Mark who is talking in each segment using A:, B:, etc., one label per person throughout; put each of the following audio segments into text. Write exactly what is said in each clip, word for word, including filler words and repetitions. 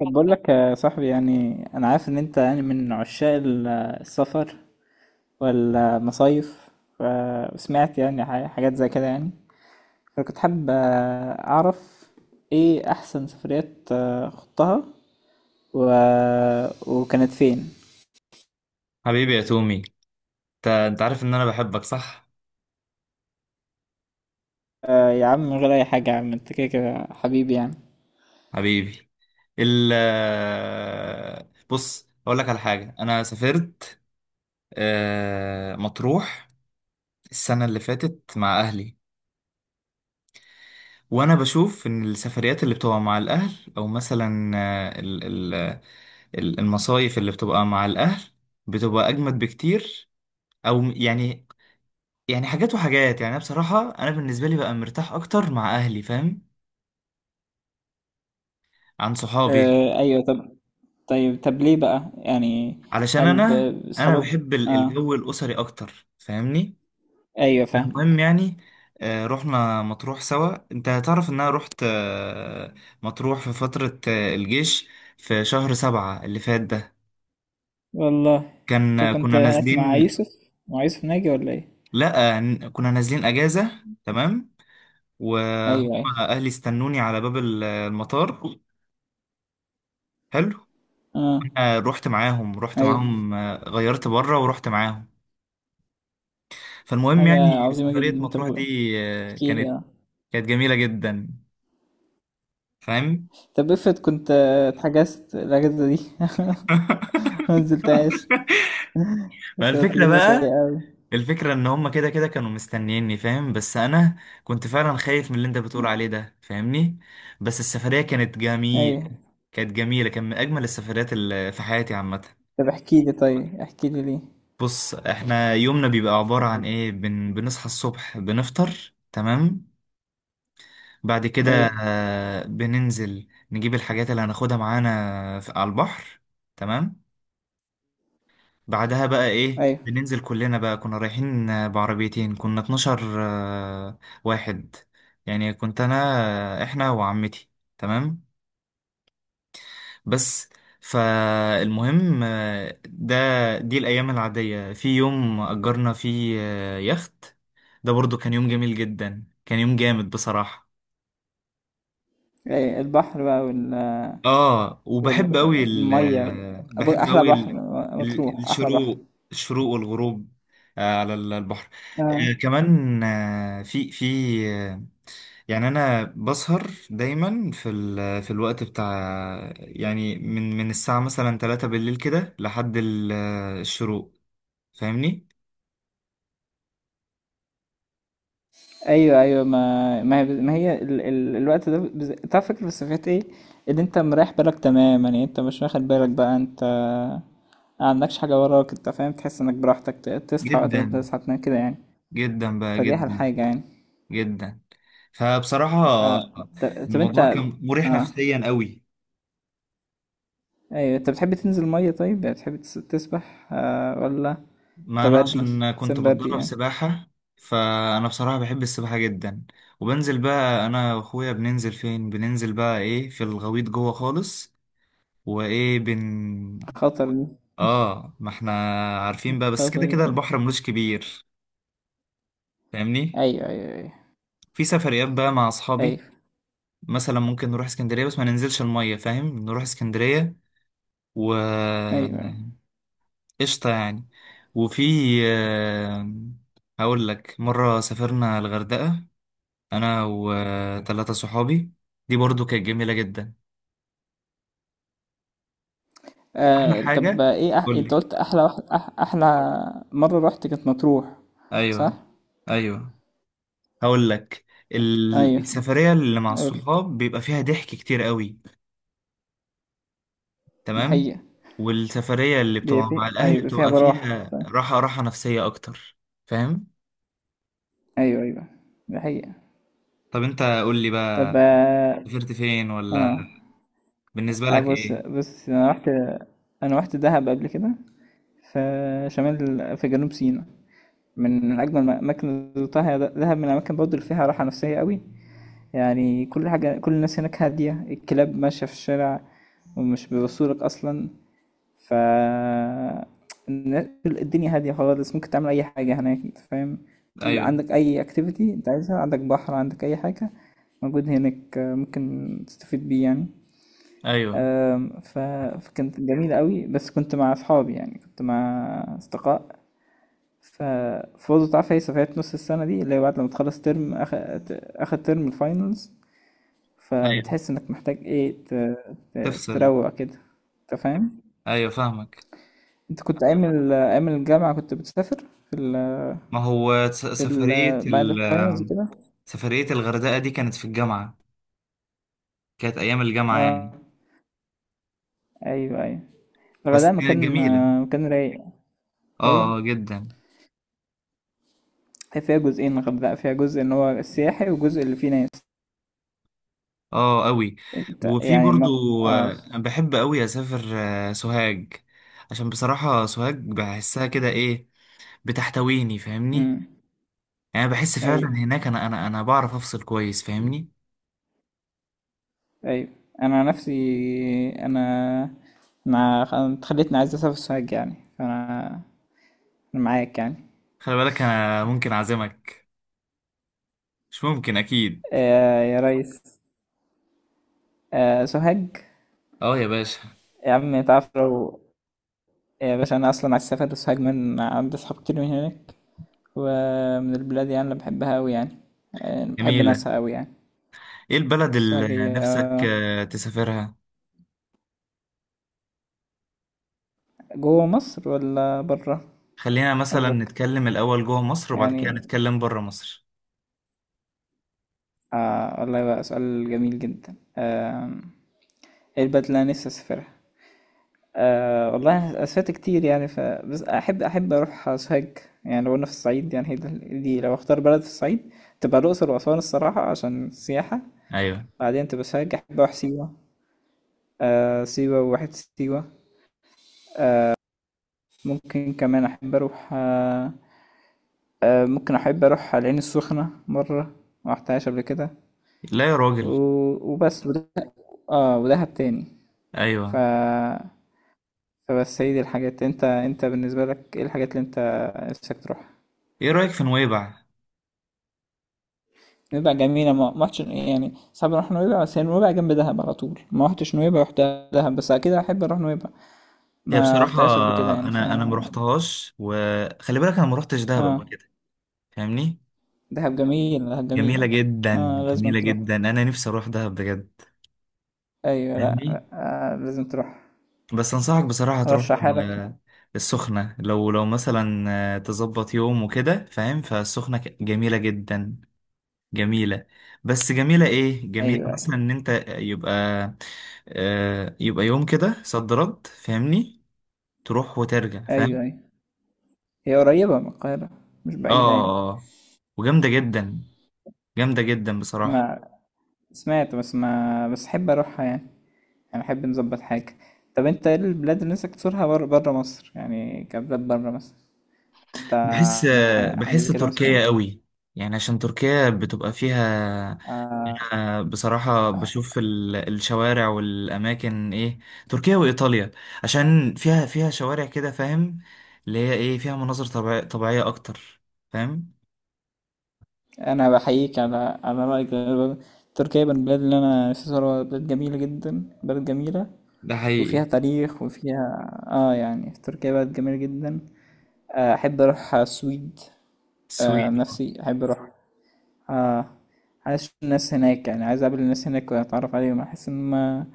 A: طب بقول لك يا صاحبي، يعني انا عارف ان انت يعني من عشاق ال- السفر والمصايف. وسمعت يعني ح- حاجات زي كده يعني، فكنت حابب اعرف ايه احسن سفريات آه، خضتها و... وكانت فين.
B: حبيبي يا تومي، انت انت عارف ان انا بحبك صح؟
A: آه، يا عم، من غير اي حاجة، يا عم انت كده كده حبيبي يعني.
B: حبيبي. ال بص اقول لك على حاجه. انا سافرت آه، مطروح السنه اللي فاتت مع اهلي. وانا بشوف ان السفريات اللي بتبقى مع الاهل، او مثلا آه، ال- ال- ال- المصايف اللي بتبقى مع الاهل، بتبقى اجمد بكتير. او م- يعني يعني حاجات وحاجات، يعني أنا بصراحه، انا بالنسبه لي بقى مرتاح اكتر مع اهلي، فاهم، عن صحابي.
A: آه، ايوه. طب طيب طب ليه بقى يعني؟
B: علشان
A: هل
B: انا
A: ب-
B: انا
A: بصحابك؟
B: بحب ال-
A: اه،
B: الجو الاسري اكتر، فاهمني.
A: ايوه،
B: المهم
A: فاهمك.
B: يعني، آه، رحنا مطروح سوا. انت هتعرف ان انا رحت آه، مطروح في فترة آه، الجيش، في شهر سبعة اللي فات ده.
A: والله،
B: كان
A: انت
B: آه،
A: كنت
B: كنا
A: هناك مع
B: نازلين.
A: يوسف مع يوسف ناجي ولا ايه؟
B: لا، آه، ن- كنا نازلين اجازة. تمام. وهم
A: ايوه، ايوه.
B: اهلي استنوني على باب ال- المطار. حلو.
A: اه،
B: انا رحت معاهم رحت
A: ايوه.
B: معاهم آه، غيرت بره ورحت معاهم. فالمهم
A: حاجة
B: يعني
A: عظيمة
B: سفرية
A: جدا.
B: مطروح
A: طب
B: دي آه،
A: احكي لي،
B: كانت
A: اه.
B: كانت جميلة جدا، فاهم.
A: طب افرض كنت اتحجزت الاجازة دي ما نزلتهاش،
B: ما
A: كانت
B: الفكرة
A: تجربة
B: بقى،
A: سيئة اوي.
B: الفكرة ان هما كده كده كانوا مستنييني، فاهم، بس انا كنت فعلا خايف من اللي انت بتقول عليه ده، فاهمني. بس السفرية كانت
A: ايوه،
B: جميل كانت جميلة، كان من اجمل السفريات اللي في حياتي عامة.
A: طب احكي لي. طيب، احكي لي ليه؟
B: بص، احنا يومنا بيبقى عبارة عن ايه، بن... بنصحى الصبح، بنفطر. تمام. بعد كده
A: ايوه،
B: آه، بننزل نجيب الحاجات اللي هناخدها معانا في... على البحر. تمام. بعدها بقى ايه،
A: ايوه،
B: بننزل كلنا بقى، كنا رايحين آه، بعربيتين، كنا اتناشر آه، واحد، يعني كنت انا، آه، احنا وعمتي. تمام. بس. فالمهم آه، ده دي الايام العادية. في يوم اجرنا فيه آه، يخت، ده برضو كان يوم جميل جدا، كان يوم جامد بصراحة.
A: ايوه. البحر بقى وال
B: اه. وبحب قوي
A: والمية.
B: ال
A: أبو-
B: بحب
A: احلى
B: قوي
A: بحر.
B: ال... ال-
A: مطروح احلى بحر،
B: الشروق الشروق والغروب آه، على ال- البحر،
A: اه.
B: آه، كمان آه، في في آه، يعني انا بسهر دايما في ال... في الوقت بتاع، يعني من من الساعة مثلا ثلاثة بالليل كده لحد ال- آه، الشروق، فاهمني.
A: أيوه، أيوه. ما ما هي ما هي ال ال الوقت ده بالذ أنت عارف، الفكرة بس في حتّة إيه، إن أنت مريّح بالك تمام. يعني أنت مش واخد بالك بقى، أنت ما عندكش حاجة وراك، أنت فاهم، تحس إنك براحتك، ت تصحى وقت ما أنت
B: جدا،
A: تصحى، تنام كده يعني.
B: جدا بقى،
A: فدي أحلى
B: جدا.
A: حاجة يعني.
B: جدا، فبصراحة
A: آه، ط طب أنت،
B: الموضوع كان مريح
A: آه،
B: نفسيا قوي.
A: أيوه، أنت بتحب تنزل المَيّة؟ طيب، يعني بتحب تس تسبح آآ والّا
B: ما انا
A: تبرّي؟
B: عشان كنت
A: سِمْ برّي
B: بتدرب
A: يعني.
B: سباحة، فانا بصراحة بحب السباحة جدا. وبنزل بقى انا واخويا، بننزل فين؟ بننزل بقى ايه؟ في الغويط جوه خالص. وايه بن
A: خطر دي،
B: اه، ما احنا عارفين بقى، بس
A: خطر
B: كده كده
A: دي.
B: البحر ملوش كبير، فاهمني.
A: أيوه، أيوه، أيوه،
B: في سفريات بقى مع اصحابي،
A: أيوه،
B: مثلا ممكن نروح اسكندرية بس ما ننزلش المية، فاهم، نروح اسكندرية و...
A: أيوه، أيوه.
B: قشطة يعني. وفي آه، هقول لك، مرة سافرنا الغردقة انا وثلاثه صحابي، دي برضو كانت جميله جدا. احلى
A: آه، طب،
B: حاجه؟
A: ايه أح...
B: قول
A: انت
B: لي.
A: قلت احلى واحد أح... احلى مره رحت كانت مطروح، صح؟
B: ايوه، ايوه، هقول لك. ال-
A: ايوه،
B: السفريه اللي مع
A: قول.
B: الصحاب بيبقى فيها ضحك كتير قوي.
A: دي
B: تمام.
A: حقيقه.
B: والسفريه اللي
A: دي
B: بتبقى
A: فيها،
B: مع الاهل
A: ايوه، فيها
B: بتبقى
A: براح،
B: فيها
A: صح؟
B: راحه راحه نفسيه اكتر، فاهم.
A: ايوه، ايوه، دي حقيقه.
B: طب انت قول لي بقى،
A: طب، اه.
B: سافرت فين ولا؟
A: آه،
B: بالنسبه
A: آه،
B: لك
A: بص
B: ايه؟
A: بص، انا رحت انا رحت دهب قبل كده. في شمال في جنوب سيناء. من من اجمل الاماكن اللي زرتها هي ده- دهب، من الاماكن برضه اللي فيها راحه نفسيه قوي. يعني كل حاجه، كل الناس هناك هاديه، الكلاب ماشيه في الشارع ومش بيبصوا لك اصلا. ف الدنيا هادية خالص، ممكن تعمل أي حاجة هناك أنت فاهم.
B: ايوه،
A: عندك أي أكتيفيتي أنت عايزها، عندك بحر، عندك أي حاجة موجود هناك ممكن تستفيد بيه يعني.
B: ايوه،
A: أم، ف... فكانت جميلة قوي، بس كنت مع أصحابي يعني، كنت مع أصدقاء. ف فوضى تعرف، هي سفريات نص السنة دي اللي هي بعد لما تخلص ترم أخ... ت- آخر ترم الفاينلز.
B: ايوه،
A: فبتحس إنك محتاج إيه ت... ت...
B: تفصل.
A: تروق كده، أنت فاهم؟
B: ايوه، فاهمك.
A: انت كنت ايام ال- ايام الجامعة كنت بتسافر في ال
B: ما هو س-
A: في ال
B: سفرية
A: بعد
B: ال
A: الفاينلز كده.
B: سفرية الغردقة دي كانت في الجامعة، كانت أيام الجامعة
A: اه،
B: يعني.
A: ايوه، ايوه.
B: بس
A: الغردقة
B: كانت
A: مكان،
B: جميلة،
A: آه، مكان رايق.
B: اه،
A: ايوه،
B: آه، جدا.
A: هي فيها جزئين: الغردقة فيها جزء ان هو السياحي، وجزء اللي فيه ناس.
B: اه، أوي.
A: انت
B: وفي
A: يعني
B: برضو،
A: ما... اه
B: آه،
A: ف-
B: أنا بحب أوي أسافر آه، سوهاج، عشان بصراحة سوهاج بحسها كده، إيه بتحتويني، فاهمني.
A: مم.
B: يعني أنا بحس فعلا
A: ايوه،
B: هناك أنا أنا أنا بعرف أفصل كويس، فاهمني.
A: ايوه، انا عن نفسي، انا انا خ- أنا اتخليتني عايز اسافر سوهاج يعني، فانا أنا معاك يعني.
B: خلي بالك، أنا ممكن أعزمك. مش ممكن أكيد.
A: آه يا ريس. آه سوهاج.
B: اه يا باشا.
A: يا عم تعرف لو يا باشا أنا أصلا عايز أسافر ساجمان، عندي أصحاب كتير من هناك ومن البلاد يعني، اللي بحبها أوي يعني. آه، بحب
B: جميلة.
A: ناسها أوي يعني.
B: ايه البلد اللي
A: ساجية؟
B: نفسك آه، تسافرها؟
A: جوه مصر ولا برا
B: خلينا مثلا
A: قصدك
B: نتكلم الأول جوه مصر، وبعد كده
A: يعني؟
B: نتكلم بره مصر.
A: آه والله بقى سؤال جميل جدا. آه إيه البلد اللي أنا نفسي أسافرها؟ آه والله أنا سافرت كتير يعني، ف بس أحب أحب أروح سوهاج. يعني لو أنا في الصعيد يعني، هي دي دي لو أختار بلد في الصعيد، تبقى الأقصر وأسوان الصراحة عشان السياحة.
B: أيوه.
A: بعدين تبقى سوهاج. أحب أروح سيوة. آه، سيوة وواحد سيوة. ممكن كمان أحب أروح، آه آه ممكن أحب أروح العين السخنة مرة، ما رحتهاش قبل كده.
B: لا يا راجل،
A: و- وبس، وده، اه، ودهب تاني. ف
B: أيوه.
A: فبس هي دي الحاجات. انت انت بالنسبة لك ايه الحاجات اللي انت نفسك تروحها؟
B: إيه رأيك في نويبع؟
A: نويبع جميلة، ما ما رحتش يعني، صعب اروح نويبع، بس هي نويبع جنب دهب على طول. ما رحتش نويبع، رحت دهب. بس اكيد احب اروح نويبع،
B: هي
A: ما
B: بصراحة
A: رحتهاش قبل كده يعني. ف
B: أنا أنا ما رحتهاش، وخلي بالك أنا ما رحتش دهب قبل
A: اه
B: كده، فاهمني؟
A: دهب جميل، دهب جميلة.
B: جميلة جدا،
A: اه، لازم
B: جميلة
A: تروح.
B: جدا، أنا نفسي أروح دهب بجد،
A: ايوه، لا،
B: فاهمني؟
A: آه لازم تروح.
B: بس أنصحك بصراحة تروح.
A: رشح حالك.
B: آه، السخنة، لو لو مثلا آه، تظبط يوم وكده، فاهم، فالسخنة ك- جميلة جدا، جميلة. بس جميلة، ايه جميلة
A: ايوه، ايوه،
B: مثلا ان انت يبقى آه يبقى يوم كده صد رد، فاهمني، تروح وترجع،
A: ايوه،
B: فاهم.
A: ايوه. هي قريبه من القاهره، مش
B: اه.
A: بعيده يعني.
B: آه. آه. وجامدة جدا، جامدة جدا بصراحة.
A: ما سمعت، بس ما بس احب اروحها يعني، يعني احب نظبط حاجه. طب انت ايه البلاد اللي نفسك تزورها بره، بره مصر يعني، كبلاد بره مصر انت
B: بحس
A: عندك
B: آه،
A: حاجه، حاجة
B: بحس
A: زي كده مثلا؟
B: تركيا قوي، يعني عشان تركيا بتبقى فيها.
A: آه
B: أنا بصراحة بشوف ال- الشوارع والأماكن، إيه تركيا وإيطاليا، عشان فيها فيها شوارع كده، فاهم، اللي هي إيه فيها مناظر طبيع- طبيعية أكتر، فاهم.
A: انا بحييك على على رايك ده. تركيا من البلاد اللي انا نفسي ازورها، بلاد جميله جدا بلد جميله،
B: ده
A: وفيها
B: حقيقي.
A: تاريخ، وفيها اه يعني تركيا بلد جميله جدا. آه، احب اروح السويد. آه،
B: السويد.
A: نفسي احب اروح. آه، عايز اشوف الناس هناك يعني، عايز اقابل الناس هناك واتعرف عليهم. احس ان ما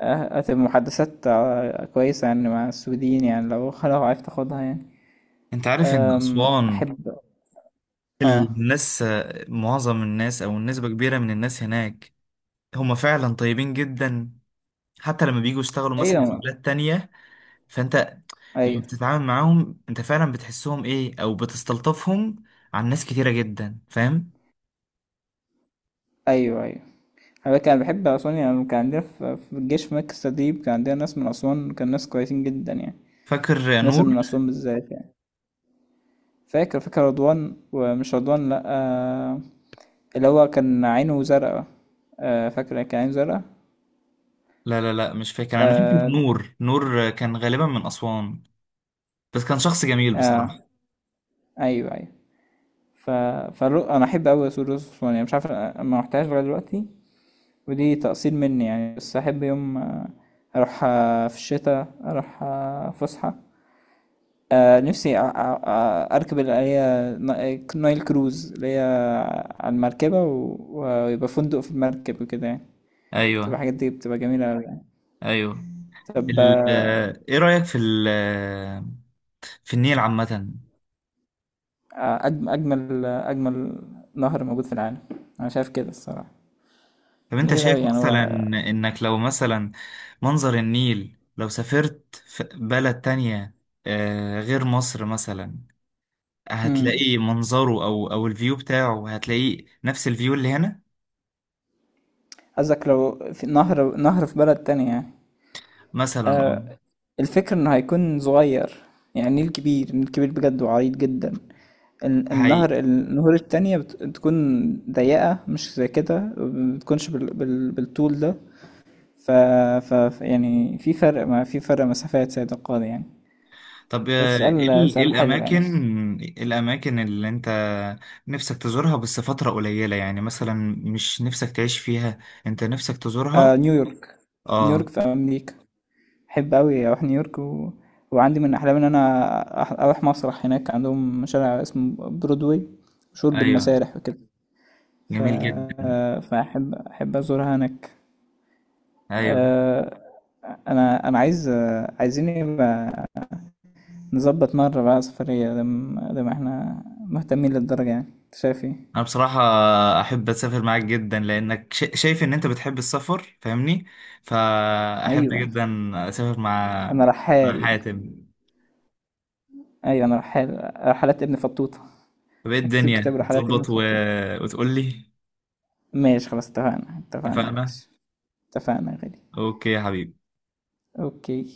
A: آه، هتبقى محادثات آه، كويسة يعني مع السويديين يعني، لو لو عرفت اخدها يعني.
B: انت عارف ان
A: آم،
B: اسوان
A: احب. اه،
B: الناس معظم الناس او نسبة كبيرة من الناس هناك، هم فعلا طيبين جدا. حتى لما بييجوا يشتغلوا مثلا في
A: ايوه،
B: بلاد تانية، فانت لما
A: ايوه،
B: بتتعامل معاهم انت فعلا بتحسهم، ايه او بتستلطفهم، عن ناس كتيرة جدا، فاهم.
A: ايوه، ايوه، انا كان بحب اسوان يعني. كان عندنا في في الجيش في مركز تدريب، كان عندنا ناس من اسوان، كان ناس كويسين جدا يعني،
B: فاكر
A: ناس
B: نور؟
A: من اسوان بالذات يعني. فاكر فاكر رضوان. ومش رضوان، لا. آه، اللي هو كان عينه زرقا. آه، فاكرة كان عينه زرقا.
B: لا لا لا، مش فاكر. انا فاكر
A: آه
B: نور، نور كان غالبا من اسوان، بس كان شخص جميل بصراحة.
A: آه أيوه، أيوه. ف... فالرو... أنا أحب أوي أسود رز يعني، مش عارف، أنا ما رحتهاش لغاية دلوقتي، ودي تقصير مني يعني. بس أحب يوم آه، أروح، آه، في الشتاء أروح آه، فسحة. آه، نفسي أ- أ- أ- أركب اللي هي نا- نايل كروز، اللي هي على المركبة، و... ويبقى فندق في المركب وكده يعني. تبقى
B: ايوه،
A: الحاجات دي بتبقى جميلة أوي يعني.
B: ايوه.
A: طب،
B: ال-
A: آه،
B: ايه رأيك في ال في النيل عامة؟
A: آه، أجم- أجمل أجمل نهر موجود في العالم، أنا شايف كده الصراحة.
B: طب انت
A: جميل أوي
B: شايف
A: يعني
B: مثلا
A: هو.
B: انك لو مثلا منظر النيل لو سافرت في بلد تانية آه، غير مصر مثلا،
A: مم.
B: هتلاقيه منظره او او الفيو بتاعه، هتلاقيه نفس الفيو اللي هنا؟
A: قصدك لو في نهر نهر في بلد تانية يعني؟
B: مثلا اه.
A: آه الفكرة إنه هيكون صغير. يعني النيل كبير، النيل كبير بجد وعريض جدا. ال-
B: هي
A: النهر النهور التانية بت- بتكون ضيقة، مش زي كده، مبتكونش بال بال بالطول ده. ف... ف ف- يعني في فرق، ما في فرق مسافات سيد القاضي يعني.
B: طب،
A: ده
B: آه، ايه
A: سؤال
B: ال- إيه
A: سؤال حلو يعني.
B: الاماكن إيه الاماكن اللي انت نفسك تزورها بس فترة قليلة، يعني مثلا مش نفسك تعيش فيها، انت نفسك
A: آه
B: تزورها.
A: نيويورك نيويورك
B: اه.
A: في امريكا. احب قوي اروح نيويورك، و... وعندي من احلامي ان انا أح- اروح مسرح هناك، عندهم شارع اسمه برودواي، مشهور
B: ايوه،
A: بالمسارح وكده. ف...
B: جميل جدا.
A: فاحب احب ازورها هناك.
B: ايوه.
A: آه انا انا عايز، آه، عايزين يبقى نظبط مره بقى سفريه، لما لما احنا مهتمين للدرجه يعني. انت شايف ايه؟
B: انا بصراحة احب اسافر معاك جدا، لانك شا- شايف ان انت بتحب السفر، فاهمني، فاحب
A: ايوه
B: جدا اسافر مع
A: انا
B: مع
A: رحال
B: حاتم.
A: ايوه انا رحال رحلات ابن فطوطه.
B: طب ايه
A: هكتب كتاب
B: الدنيا
A: رحلات ابن
B: هتظبط؟ و...
A: فطوطه.
B: وتقول لي،
A: ماشي، خلاص، اتفقنا. اتفقنا يا
B: اتفقنا.
A: باشا. اتفقنا يا غالي.
B: اوكي يا حبيبي.
A: اوكي.